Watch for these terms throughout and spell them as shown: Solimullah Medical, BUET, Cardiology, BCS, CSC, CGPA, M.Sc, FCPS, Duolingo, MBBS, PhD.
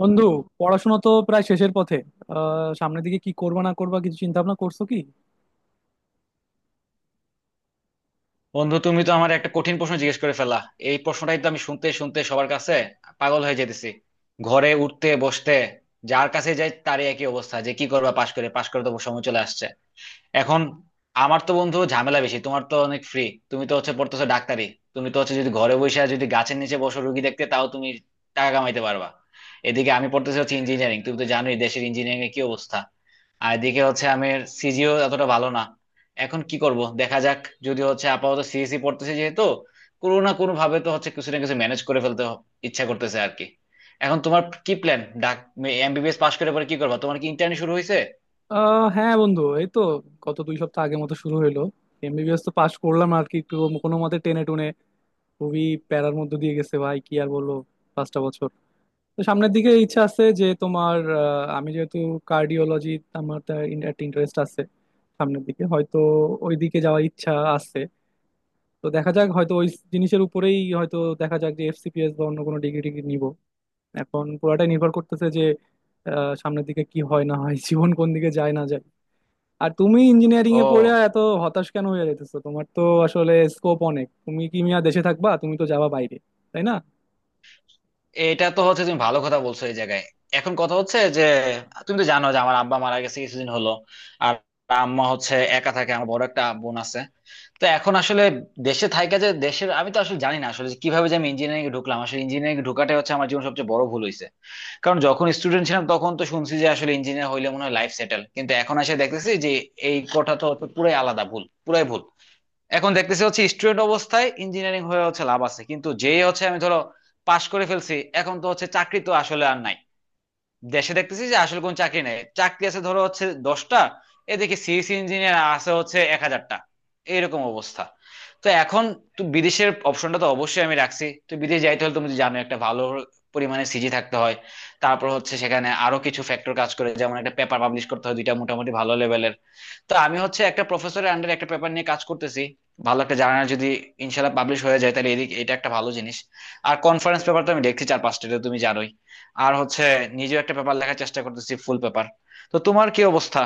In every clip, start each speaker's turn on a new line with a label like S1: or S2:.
S1: বন্ধু, পড়াশোনা তো প্রায় শেষের পথে। সামনের দিকে কি করবা না করবা কিছু চিন্তা ভাবনা করছো কি?
S2: বন্ধু, তুমি তো আমার একটা কঠিন প্রশ্ন জিজ্ঞেস করে ফেলা। এই প্রশ্নটাই তো আমি শুনতে শুনতে সবার কাছে পাগল হয়ে যেতেছি। ঘরে উঠতে বসতে যার কাছে যাই তারই একই অবস্থা যে কি করবা, পাশ করে পাশ করে তো সময় চলে আসছে এখন। আমার তো, বন্ধু, ঝামেলা বেশি, তোমার তো অনেক ফ্রি। তুমি তো হচ্ছে পড়তেছো ডাক্তারি, তুমি তো হচ্ছে যদি ঘরে বসে আর যদি গাছের নিচে বসো রুগী দেখতে তাও তুমি টাকা কামাইতে পারবা। এদিকে আমি পড়তেছি হচ্ছে ইঞ্জিনিয়ারিং, তুমি তো জানোই দেশের ইঞ্জিনিয়ারিং এর কি অবস্থা। আর এদিকে হচ্ছে আমি সিজিও এতটা ভালো না। এখন কি করব দেখা যাক, যদি হচ্ছে আপাতত সিএসি পড়তেছে যেহেতু কোনো না কোনো ভাবে তো হচ্ছে কিছু না কিছু ম্যানেজ করে ফেলতে ইচ্ছা করতেছে আর কি। এখন তোমার কি প্ল্যান, ডাক? এমবিবিএস পাশ করে পরে কি করবা, তোমার কি ইন্টার্নি শুরু হয়েছে?
S1: হ্যাঁ বন্ধু, এই তো গত 2 সপ্তাহ আগের মতো শুরু হলো। এমবিবিএস তো পাশ করলাম আর কি, একটু কোনো মতে টেনে টুনে, খুবই প্যারার মধ্যে দিয়ে গেছে। ভাই, কি আর বলবো, 5টা বছর। তো সামনের দিকে ইচ্ছা আছে যে তোমার আমি যেহেতু কার্ডিওলজি, আমার তার একটা ইন্টারেস্ট আছে, সামনের দিকে হয়তো ওই দিকে যাওয়ার ইচ্ছা আছে। তো দেখা যাক, হয়তো ওই জিনিসের উপরেই, হয়তো দেখা যাক যে এফসিপিএস বা অন্য কোনো ডিগ্রি টিগ্রি নিবো। এখন পুরাটাই নির্ভর করতেছে যে সামনের দিকে কি হয় না হয়, জীবন কোন দিকে যায় না যায়। আর তুমি ইঞ্জিনিয়ারিং এ পড়ে
S2: ও,
S1: এত হতাশ কেন হয়ে যেতেছো? তোমার তো আসলে স্কোপ অনেক। তুমি কি মিয়া দেশে থাকবা, তুমি তো যাবা বাইরে, তাই না?
S2: এটা তো হচ্ছে তুমি ভালো কথা বলছো এই জায়গায়। এখন কথা হচ্ছে যে তুমি তো জানো যে আমার আব্বা মারা গেছে কিছুদিন হলো। আর আম্মা হচ্ছে একা থাকে, আমার বড় একটা বোন আছে। তো এখন আসলে দেশে থাইকা যে দেশের আমি তো আসলে জানি না আসলে যে কিভাবে যে আমি ইঞ্জিনিয়ারিং এ ঢুকলাম, আসলে ইঞ্জিনিয়ারিং এ ঢোকাটাই হচ্ছে আমার জীবন সবচেয়ে বড় ভুল হয়েছে। কারণ যখন স্টুডেন্ট ছিলাম তখন তো শুনছি যে আসলে ইঞ্জিনিয়ার হইলে মনে হয় লাইফ সেটেল, কিন্তু এখন এসে দেখতেছি যে এই কথাটা হচ্ছে পুরাই আলাদা, ভুল পুরাই ভুল। এখন দেখতেছি হচ্ছে স্টুডেন্ট অবস্থায় ইঞ্জিনিয়ারিং হয়ে হচ্ছে লাভ আছে, কিন্তু যেই হচ্ছে আমি ধরো পাশ করে ফেলছি এখন তো হচ্ছে চাকরি তো আসলে আর নাই। দেশে দেখতেছি যে আসলে কোন চাকরি নাই, চাকরি আছে ধরো হচ্ছে 10টা, এদিকে সিএসসি ইঞ্জিনিয়ার আছে হচ্ছে 1000টা, এইরকম অবস্থা। তো এখন, তো বিদেশের অপশনটা তো অবশ্যই আমি রাখছি, তো বিদেশ যাইতে হলে তুমি তো জানো একটা ভালো পরিমাণে সিজি থাকতে হয়। তারপর হচ্ছে সেখানে আরো কিছু ফ্যাক্টর কাজ করে, যেমন একটা পেপার পাবলিশ করতে হয় দুইটা মোটামুটি ভালো লেভেলের। তো আমি হচ্ছে একটা প্রফেসরের আন্ডারে একটা পেপার নিয়ে কাজ করতেছি, ভালো একটা জার্নাল যদি ইনশাল্লাহ পাবলিশ হয়ে যায় তাহলে এদিক এটা একটা ভালো জিনিস। আর কনফারেন্স পেপার তো আমি দেখছি চার পাঁচটা, এটা তুমি জানোই। আর হচ্ছে নিজেও একটা পেপার লেখার চেষ্টা করতেছি, ফুল পেপার। তো তোমার কি অবস্থা,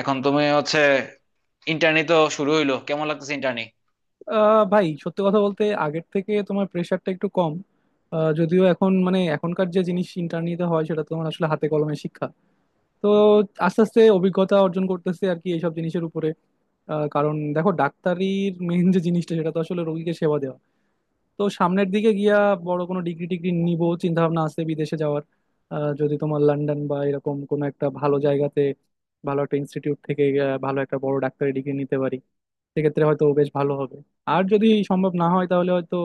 S2: এখন তুমি হচ্ছে ইন্টার্নি তো শুরু হইলো, কেমন লাগতেছে ইন্টার্নি?
S1: ভাই সত্যি কথা বলতে আগের থেকে তোমার প্রেশারটা একটু কম। যদিও এখন মানে এখনকার যে জিনিস ইন্টারনেটে হয় সেটা তো তোমার আসলে হাতে কলমে শিক্ষা। তো আস্তে আস্তে অভিজ্ঞতা অর্জন করতেছে আর কি এইসব জিনিসের উপরে। কারণ দেখো, ডাক্তারির মেইন যে জিনিসটা সেটা তো আসলে রোগীকে সেবা দেওয়া। তো সামনের দিকে গিয়া বড় কোনো ডিগ্রি টিগ্রি নিব, চিন্তা ভাবনা আছে বিদেশে যাওয়ার। যদি তোমার লন্ডন বা এরকম কোনো একটা ভালো জায়গাতে, ভালো একটা ইনস্টিটিউট থেকে ভালো একটা বড় ডাক্তারি ডিগ্রি নিতে পারি সেক্ষেত্রে হয়তো বেশ ভালো হবে। আর যদি সম্ভব না হয় তাহলে হয়তো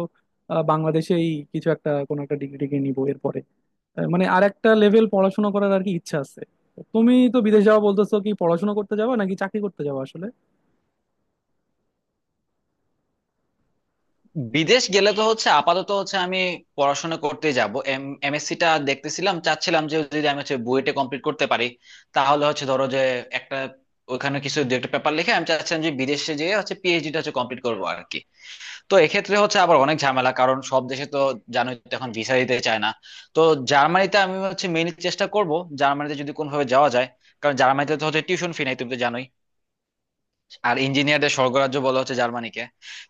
S1: বাংলাদেশেই কিছু একটা কোনো একটা ডিগ্রি টিগ্রি নিবো এরপরে। মানে আর একটা লেভেল পড়াশোনা করার আর কি ইচ্ছা আছে। তুমি তো বিদেশ যাওয়া বলতেছো, কি পড়াশোনা করতে যাবা নাকি চাকরি করতে যাবা আসলে?
S2: বিদেশ গেলে তো হচ্ছে আপাতত হচ্ছে আমি পড়াশোনা করতে যাব। এমএসসি টা দেখতেছিলাম, চাচ্ছিলাম যে যদি আমি হচ্ছে বুয়েটে কমপ্লিট করতে পারি তাহলে হচ্ছে ধরো যে একটা, ওখানে কিছু দু একটা পেপার লিখে আমি চাচ্ছিলাম যে বিদেশে যেয়ে হচ্ছে পিএইচডি টা হচ্ছে কমপ্লিট করবো আর কি। তো এক্ষেত্রে হচ্ছে আবার অনেক ঝামেলা, কারণ সব দেশে তো জানোই তো এখন ভিসা দিতে চায় না। তো জার্মানিতে আমি হচ্ছে মেইনলি চেষ্টা করব, জার্মানিতে যদি কোনোভাবে যাওয়া যায়। কারণ জার্মানিতে তো হচ্ছে টিউশন ফি নাই, তুমি তো জানোই। আর ইঞ্জিনিয়ারদের স্বর্গরাজ্য বলা হচ্ছে জার্মানিকে।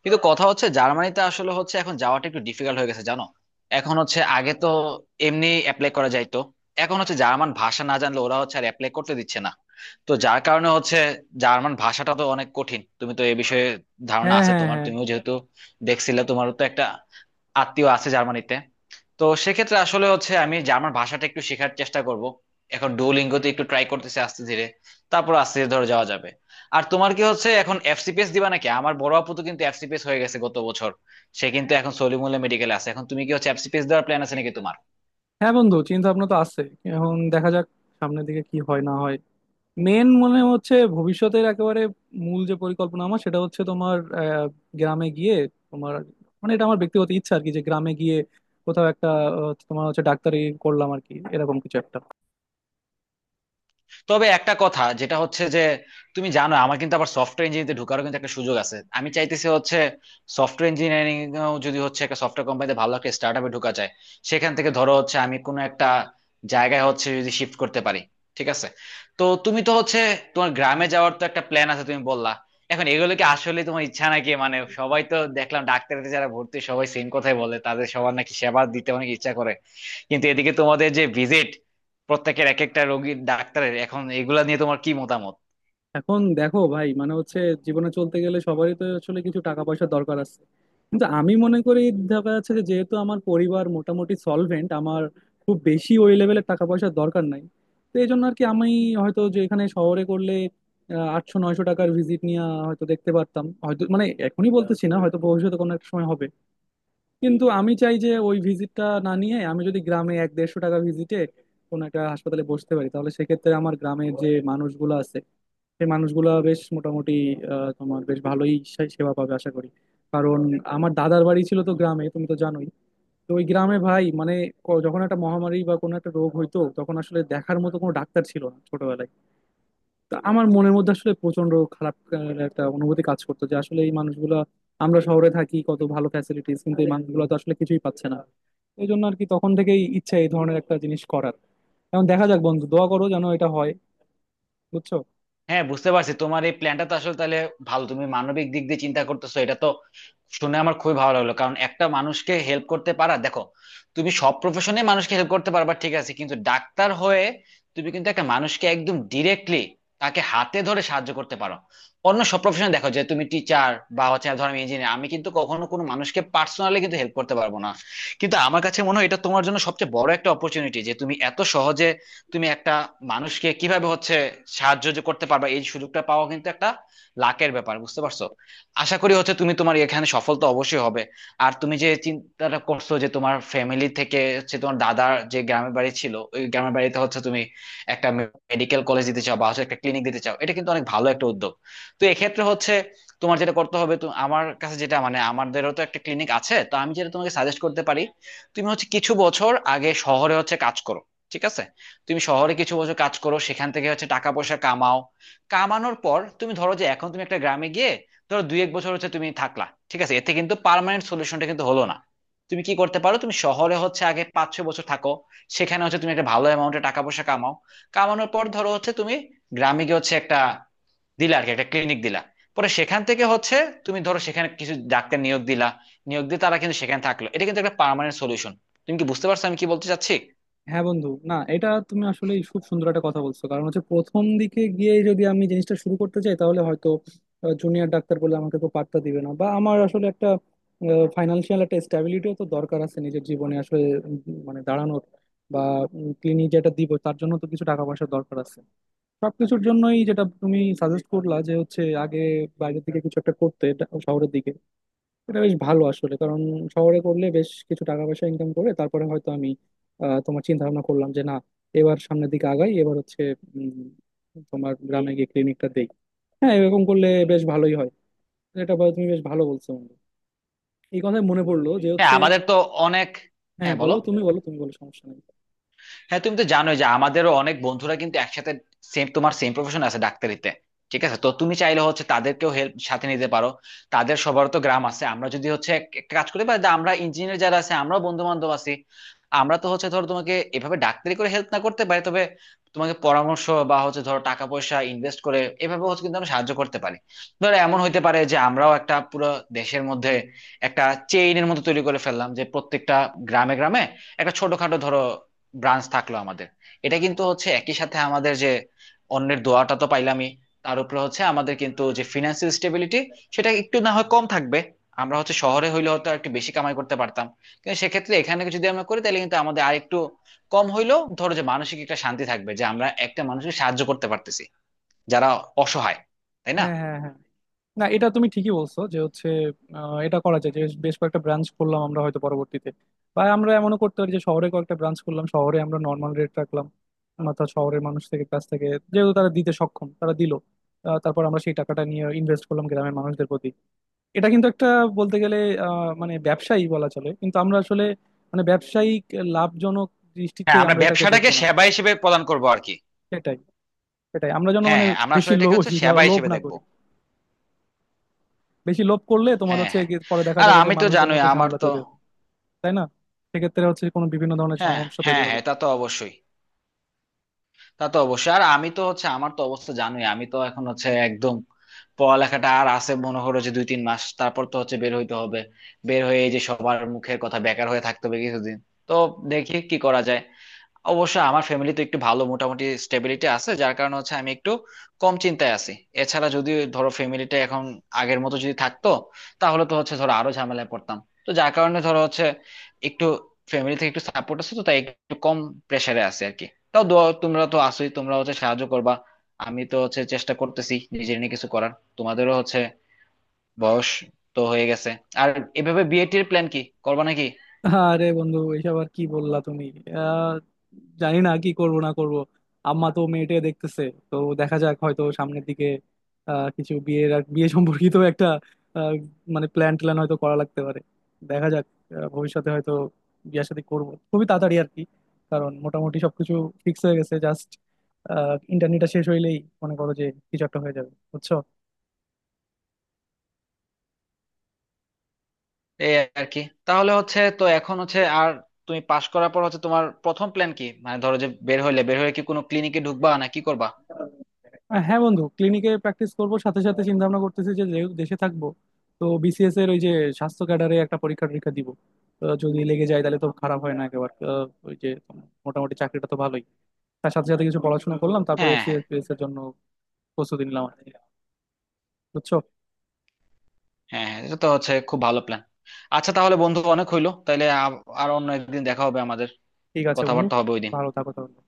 S2: কিন্তু কথা হচ্ছে জার্মানিতে আসলে হচ্ছে এখন যাওয়াটা একটু ডিফিকাল্ট হয়ে গেছে, জানো। এখন হচ্ছে আগে তো এমনি অ্যাপ্লাই করা যাইতো, এখন হচ্ছে জার্মান ভাষা না জানলে ওরা হচ্ছে আর অ্যাপ্লাই করতে দিচ্ছে না। তো যার কারণে হচ্ছে জার্মান ভাষাটা তো অনেক কঠিন, তুমি তো এ বিষয়ে ধারণা
S1: হ্যাঁ,
S2: আছে
S1: হ্যাঁ,
S2: তোমার,
S1: হ্যাঁ।
S2: তুমিও যেহেতু দেখছিলে, তোমারও তো একটা আত্মীয় আছে জার্মানিতে। তো সেক্ষেত্রে আসলে হচ্ছে আমি জার্মান ভাষাটা একটু শেখার চেষ্টা করব। এখন ডুওলিঙ্গোতে একটু ট্রাই করতেছি আস্তে ধীরে, তারপর আস্তে ধীরে ধরে যাওয়া যাবে। আর তোমার কি হচ্ছে এখন এফসিপিএস দিবা নাকি? আমার বড় আপু তো কিন্তু এফসিপিএস হয়ে গেছে গত বছর, সে কিন্তু এখন সলিমুল্লাহ মেডিকেলে আছে। এখন তুমি কি হচ্ছে এফসিপিএস দেওয়ার প্ল্যান আছে নাকি তোমার?
S1: হ্যাঁ বন্ধু, চিন্তা ভাবনা তো আছে। এখন দেখা যাক সামনের দিকে কি হয় না হয়। মেন মনে হচ্ছে ভবিষ্যতের একেবারে মূল যে পরিকল্পনা আমার সেটা হচ্ছে তোমার গ্রামে গিয়ে তোমার, মানে এটা আমার ব্যক্তিগত ইচ্ছা আর কি, যে গ্রামে গিয়ে কোথাও একটা তোমার হচ্ছে ডাক্তারি করলাম আর কি এরকম কিছু একটা।
S2: তবে একটা কথা যেটা হচ্ছে যে, তুমি জানো আমার কিন্তু আবার সফটওয়্যার ইঞ্জিনিয়ারিংতে ঢোকারও কিন্তু একটা সুযোগ আছে। আমি চাইতেছি হচ্ছে সফটওয়্যার ইঞ্জিনিয়ারিং, যদি হচ্ছে একটা সফটওয়্যার কোম্পানিতে ভালো একটা স্টার্ট আপে ঢোকা যায়, সেখান থেকে ধরো হচ্ছে আমি কোনো একটা জায়গায় হচ্ছে যদি শিফট করতে পারি, ঠিক আছে। তো তুমি তো হচ্ছে তোমার গ্রামে যাওয়ার তো একটা প্ল্যান আছে তুমি বললা, এখন এগুলো কি আসলে তোমার ইচ্ছা নাকি? মানে সবাই তো দেখলাম ডাক্তারিতে যারা ভর্তি সবাই সেম কথাই বলে, তাদের সবার নাকি সেবা দিতে অনেক ইচ্ছা করে। কিন্তু এদিকে তোমাদের যে ভিজিট, প্রত্যেকের এক একটা রোগীর ডাক্তারের, এখন এগুলা নিয়ে তোমার কি মতামত?
S1: এখন দেখো ভাই, মানে হচ্ছে জীবনে চলতে গেলে সবারই তো আসলে কিছু টাকা পয়সার দরকার আছে, কিন্তু আমি মনে করি দেখা যাচ্ছে যে যেহেতু আমার পরিবার মোটামুটি সলভেন্ট, আমার খুব বেশি ওই লেভেলের টাকা পয়সার দরকার নাই। তো এই জন্য আর কি আমি হয়তো যে এখানে শহরে করলে 800 900 টাকার ভিজিট নিয়ে হয়তো দেখতে পারতাম, হয়তো মানে এখনই বলতেছি না, হয়তো ভবিষ্যতে কোনো একটা সময় হবে। কিন্তু আমি চাই যে ওই ভিজিটটা না নিয়ে আমি যদি গ্রামে 1 150 টাকা ভিজিটে কোনো একটা হাসপাতালে বসতে পারি, তাহলে সেক্ষেত্রে আমার গ্রামের যে মানুষগুলো আছে সেই মানুষগুলা বেশ মোটামুটি তোমার বেশ ভালোই সেবা পাবে আশা করি। কারণ আমার দাদার বাড়ি ছিল তো গ্রামে, তুমি তো জানোই। তো ওই গ্রামে ভাই, মানে যখন একটা মহামারী বা কোনো একটা রোগ হইতো তখন আসলে দেখার মতো কোনো ডাক্তার ছিল না ছোটবেলায়। তো আমার মনের মধ্যে আসলে প্রচন্ড খারাপ একটা অনুভূতি কাজ করতো, যে আসলে এই মানুষগুলা, আমরা শহরে থাকি কত ভালো ফ্যাসিলিটিস কিন্তু এই মানুষগুলো তো আসলে কিছুই পাচ্ছে না। এই জন্য আর কি তখন থেকেই ইচ্ছা এই ধরনের একটা জিনিস করার। এখন দেখা যাক বন্ধু, দোয়া করো যেন এটা হয়। বুঝছো?
S2: হ্যাঁ, বুঝতে পারছি, তোমার এই প্ল্যানটা তো আসলে তাহলে ভালো, তুমি মানবিক দিক দিয়ে চিন্তা করতেছো, এটা তো শুনে আমার খুবই ভালো লাগলো। কারণ একটা মানুষকে হেল্প করতে পারা, দেখো তুমি সব প্রফেশনে মানুষকে হেল্প করতে পারবা ঠিক আছে, কিন্তু ডাক্তার হয়ে তুমি কিন্তু একটা মানুষকে একদম ডিরেক্টলি তাকে হাতে ধরে সাহায্য করতে পারো। অন্য সব প্রফেশনে দেখো যে তুমি টিচার বা হচ্ছে ধরো আমি ইঞ্জিনিয়ার, আমি কিন্তু কখনো কোনো মানুষকে পার্সোনালি কিন্তু হেল্প করতে পারবো না। কিন্তু আমার কাছে মনে হয় এটা তোমার জন্য সবচেয়ে বড় একটা অপরচুনিটি যে তুমি এত সহজে, তুমি একটা মানুষকে কিভাবে হচ্ছে সাহায্য যে করতে পারবা, এই সুযোগটা পাওয়া কিন্তু একটা লাকের ব্যাপার, বুঝতে পারছো? আশা করি হচ্ছে তুমি তোমার এখানে সফল তো অবশ্যই হবে। আর তুমি যে চিন্তাটা করছো যে তোমার ফ্যামিলি থেকে হচ্ছে তোমার দাদার যে গ্রামের বাড়ি ছিল, ওই গ্রামের বাড়িতে হচ্ছে তুমি একটা মেডিকেল কলেজ দিতে চাও বা হচ্ছে একটা ক্লিনিক দিতে চাও, এটা কিন্তু অনেক ভালো একটা উদ্যোগ। তো এক্ষেত্রে হচ্ছে তোমার যেটা করতে হবে, তো আমার কাছে যেটা মানে, আমাদেরও তো একটা ক্লিনিক আছে, তো আমি যেটা তোমাকে সাজেস্ট করতে পারি, তুমি হচ্ছে কিছু বছর আগে শহরে হচ্ছে কাজ করো, ঠিক আছে। তুমি শহরে কিছু বছর কাজ করো, সেখান থেকে হচ্ছে টাকা পয়সা কামাও, কামানোর পর তুমি ধরো যে এখন তুমি একটা গ্রামে গিয়ে ধরো 2 1 বছর হচ্ছে তুমি থাকলা, ঠিক আছে, এতে কিন্তু পার্মানেন্ট সলিউশনটা কিন্তু হলো না। তুমি কি করতে পারো, তুমি শহরে হচ্ছে আগে 5 6 বছর থাকো, সেখানে হচ্ছে তুমি একটা ভালো অ্যামাউন্টে টাকা পয়সা কামাও, কামানোর পর ধরো হচ্ছে তুমি গ্রামে গিয়ে হচ্ছে একটা দিলা আর কি একটা ক্লিনিক দিলা। পরে সেখান থেকে হচ্ছে তুমি ধরো সেখানে কিছু ডাক্তার নিয়োগ দিলা, নিয়োগ দিয়ে তারা কিন্তু সেখানে থাকলো, এটা কিন্তু একটা পার্মানেন্ট সলিউশন। তুমি কি বুঝতে পারছো আমি কি বলতে চাচ্ছি?
S1: হ্যাঁ বন্ধু, না এটা তুমি আসলে খুব সুন্দর একটা কথা বলছো, কারণ হচ্ছে প্রথম দিকে গিয়ে যদি আমি জিনিসটা শুরু করতে চাই তাহলে হয়তো জুনিয়র ডাক্তার বলে আমাকে তো পাত্তা দিবে না, বা আমার আসলে একটা ফাইনান্সিয়াল একটা স্ট্যাবিলিটিও তো দরকার আছে নিজের জীবনে আসলে। উম, মানে দাঁড়ানোর বা ক্লিনিক যেটা দিব তার জন্য তো কিছু টাকা পয়সার দরকার আছে। সবকিছুর জন্যই, যেটা তুমি সাজেস্ট করলা যে হচ্ছে আগে বাইরের দিকে কিছু একটা করতে, শহরের দিকে, এটা বেশ ভালো আসলে। কারণ শহরে করলে বেশ কিছু টাকা পয়সা ইনকাম করে তারপরে হয়তো আমি তোমার চিন্তা ভাবনা করলাম যে না এবার সামনের দিকে আগাই, এবার হচ্ছে তোমার গ্রামে গিয়ে ক্লিনিকটা দেই। হ্যাঁ, এরকম করলে বেশ ভালোই হয়। তুমি বেশ ভালো বলছো বন্ধু। এই কথায় মনে পড়লো যে
S2: হ্যাঁ
S1: হচ্ছে,
S2: আমাদের তো অনেক।
S1: হ্যাঁ
S2: হ্যাঁ,
S1: বলো,
S2: বলো।
S1: তুমি বলো, তুমি বলো, সমস্যা নেই।
S2: হ্যাঁ তুমি তো জানোই যে আমাদেরও অনেক বন্ধুরা কিন্তু একসাথে সেম তোমার সেম প্রফেশন আছে ডাক্তারিতে, ঠিক আছে। তো তুমি চাইলে হচ্ছে তাদেরকেও হেল্প সাথে নিতে পারো, তাদের সবার তো গ্রাম আছে। আমরা যদি হচ্ছে একটা কাজ করি বা আমরা ইঞ্জিনিয়ার যারা আছে আমরাও বন্ধু বান্ধব আছি। আমরা তো হচ্ছে ধরো তোমাকে এভাবে ডাক্তারি করে হেল্প না করতে পারি, তবে তোমাকে পরামর্শ বা হচ্ছে ধরো টাকা পয়সা ইনভেস্ট করে এভাবে হচ্ছে কিন্তু আমরা সাহায্য করতে পারি। ধরো এমন হইতে পারে যে আমরাও একটা পুরো দেশের মধ্যে একটা চেইনের মতো তৈরি করে ফেললাম, যে প্রত্যেকটা গ্রামে গ্রামে একটা ছোটখাটো ধরো ব্রাঞ্চ থাকলো আমাদের। এটা কিন্তু হচ্ছে একই সাথে আমাদের যে অন্যের দোয়াটা তো পাইলামই, তার উপরে হচ্ছে আমাদের কিন্তু যে ফিনান্সিয়াল স্টেবিলিটি সেটা একটু না হয় কম থাকবে। আমরা হচ্ছে শহরে হইলে হয়তো একটু বেশি কামাই করতে পারতাম, কিন্তু সেক্ষেত্রে এখানে যদি আমরা করি তাহলে কিন্তু আমাদের আর একটু কম হইলেও ধরো যে মানসিক একটা শান্তি থাকবে যে আমরা একটা মানুষকে সাহায্য করতে পারতেছি যারা অসহায়, তাই না?
S1: হ্যাঁ, হ্যাঁ, হ্যাঁ। না এটা তুমি ঠিকই বলছো, যে হচ্ছে এটা করা যায় যে বেশ কয়েকটা ব্রাঞ্চ করলাম আমরা হয়তো পরবর্তীতে। বা আমরা এমনও করতে পারি যে শহরে কয়েকটা ব্রাঞ্চ করলাম, শহরে আমরা নর্মাল রেট রাখলাম। অর্থাৎ শহরের মানুষ থেকে, কাছ থেকে, যেহেতু তারা দিতে সক্ষম তারা দিল। তারপর আমরা সেই টাকাটা নিয়ে ইনভেস্ট করলাম গ্রামের মানুষদের প্রতি। এটা কিন্তু একটা বলতে গেলে মানে ব্যবসায়ী বলা চলে, কিন্তু আমরা আসলে মানে ব্যবসায়িক লাভজনক দৃষ্টিতে
S2: হ্যাঁ, আমরা
S1: আমরা এটাকে
S2: ব্যবসাটাকে
S1: দেখবো না।
S2: সেবা হিসেবে প্রদান করব আর কি।
S1: সেটাই, সেটাই আমরা যেন
S2: হ্যাঁ,
S1: মানে
S2: হ্যাঁ, আমরা
S1: বেশি
S2: আসলে এটাকে
S1: লোভ,
S2: হচ্ছে সেবা
S1: লোভ
S2: হিসেবে
S1: না
S2: দেখবো।
S1: করি। বেশি লোভ করলে তোমার
S2: হ্যাঁ,
S1: হচ্ছে
S2: হ্যাঁ,
S1: গিয়ে পরে দেখা
S2: আর
S1: যাবে যে
S2: আমি তো
S1: মানুষদের
S2: জানোই
S1: মধ্যে
S2: আমার
S1: ঝামেলা
S2: তো।
S1: তৈরি হবে, তাই না? সেক্ষেত্রে হচ্ছে কোনো বিভিন্ন ধরনের
S2: হ্যাঁ,
S1: সমস্যা তৈরি
S2: হ্যাঁ,
S1: হবে।
S2: হ্যাঁ, তা তো অবশ্যই, তা তো অবশ্যই। আর আমি তো হচ্ছে আমার তো অবস্থা জানোই, আমি তো এখন হচ্ছে একদম পড়ালেখাটা আর আছে মনে করো যে 2 3 মাস, তারপর তো হচ্ছে বের হইতে হবে। বের হয়ে এই যে সবার মুখের কথা, বেকার হয়ে থাকতে হবে কিছুদিন। তো দেখি কি করা যায়। অবশ্য আমার ফ্যামিলি তো একটু ভালো, মোটামুটি স্টেবিলিটি আছে, যার কারণে হচ্ছে আমি একটু কম চিন্তায় আছি। এছাড়া যদি ধরো ফ্যামিলিটা এখন আগের মতো যদি থাকতো তাহলে তো হচ্ছে ধরো আরো ঝামেলায় পড়তাম। তো যার কারণে ধরো হচ্ছে একটু ফ্যামিলি থেকে একটু সাপোর্ট আছে তো তাই একটু কম প্রেসারে আছে আর কি। তাও তোমরা তো আসোই, তোমরা হচ্ছে সাহায্য করবা। আমি তো হচ্ছে চেষ্টা করতেছি নিজের নিয়ে কিছু করার। তোমাদেরও হচ্ছে বয়স তো হয়ে গেছে, আর এভাবে বিয়ে টির প্ল্যান কি, করবা নাকি?
S1: আরে বন্ধু, এইসব আর কি বললা তুমি। আহ জানি না কি করব না করব। আম্মা তো মেয়েটে দেখতেছে। তো দেখা যাক, হয়তো সামনের দিকে কিছু বিয়ের বিয়ে সম্পর্কিত একটা আহ, মানে প্ল্যান ট্যান হয়তো করা লাগতে পারে। দেখা যাক, ভবিষ্যতে হয়তো বিয়ে শাদী করব খুবই তাড়াতাড়ি আর কি। কারণ মোটামুটি সবকিছু ফিক্স হয়ে গেছে, জাস্ট ইন্টারনেটটা শেষ হইলেই মনে করো যে কিছু একটা হয়ে যাবে। বুঝছো?
S2: এই আর কি, তাহলে হচ্ছে তো এখন হচ্ছে আর তুমি পাশ করার পর হচ্ছে তোমার প্রথম প্ল্যান কি, মানে ধরো যে বের হইলে বের হয়ে কি কোনো ক্লিনিকে ঢুকবা না কি করবা?
S1: হ্যাঁ বন্ধু, ক্লিনিকে প্র্যাকটিস করব, সাথে সাথে চিন্তা ভাবনা করতেছি যে যেহেতু দেশে থাকবো তো বিসিএস এর ওই যে স্বাস্থ্য ক্যাডারে একটা পরীক্ষা টরীক্ষা দিব। তো যদি লেগে যায় তাহলে তো খারাপ হয় না একেবারে। ওই যে মোটামুটি চাকরিটা তো ভালোই। তার সাথে সাথে কিছু পড়াশোনা করলাম তারপরে
S2: হ্যাঁ, হ্যাঁ,
S1: এফসিএস এর জন্য প্রস্তুতি নিলাম আর কি। বুঝছো?
S2: হ্যাঁ। হ্যাঁ, এটা তো হচ্ছে খুব ভালো প্ল্যান। আচ্ছা তাহলে বন্ধু অনেক হইলো, তাইলে আর অন্য একদিন দেখা হবে আমাদের,
S1: ঠিক আছে বন্ধু,
S2: কথাবার্তা হবে ওইদিন।
S1: ভালো থাকো তাহলে।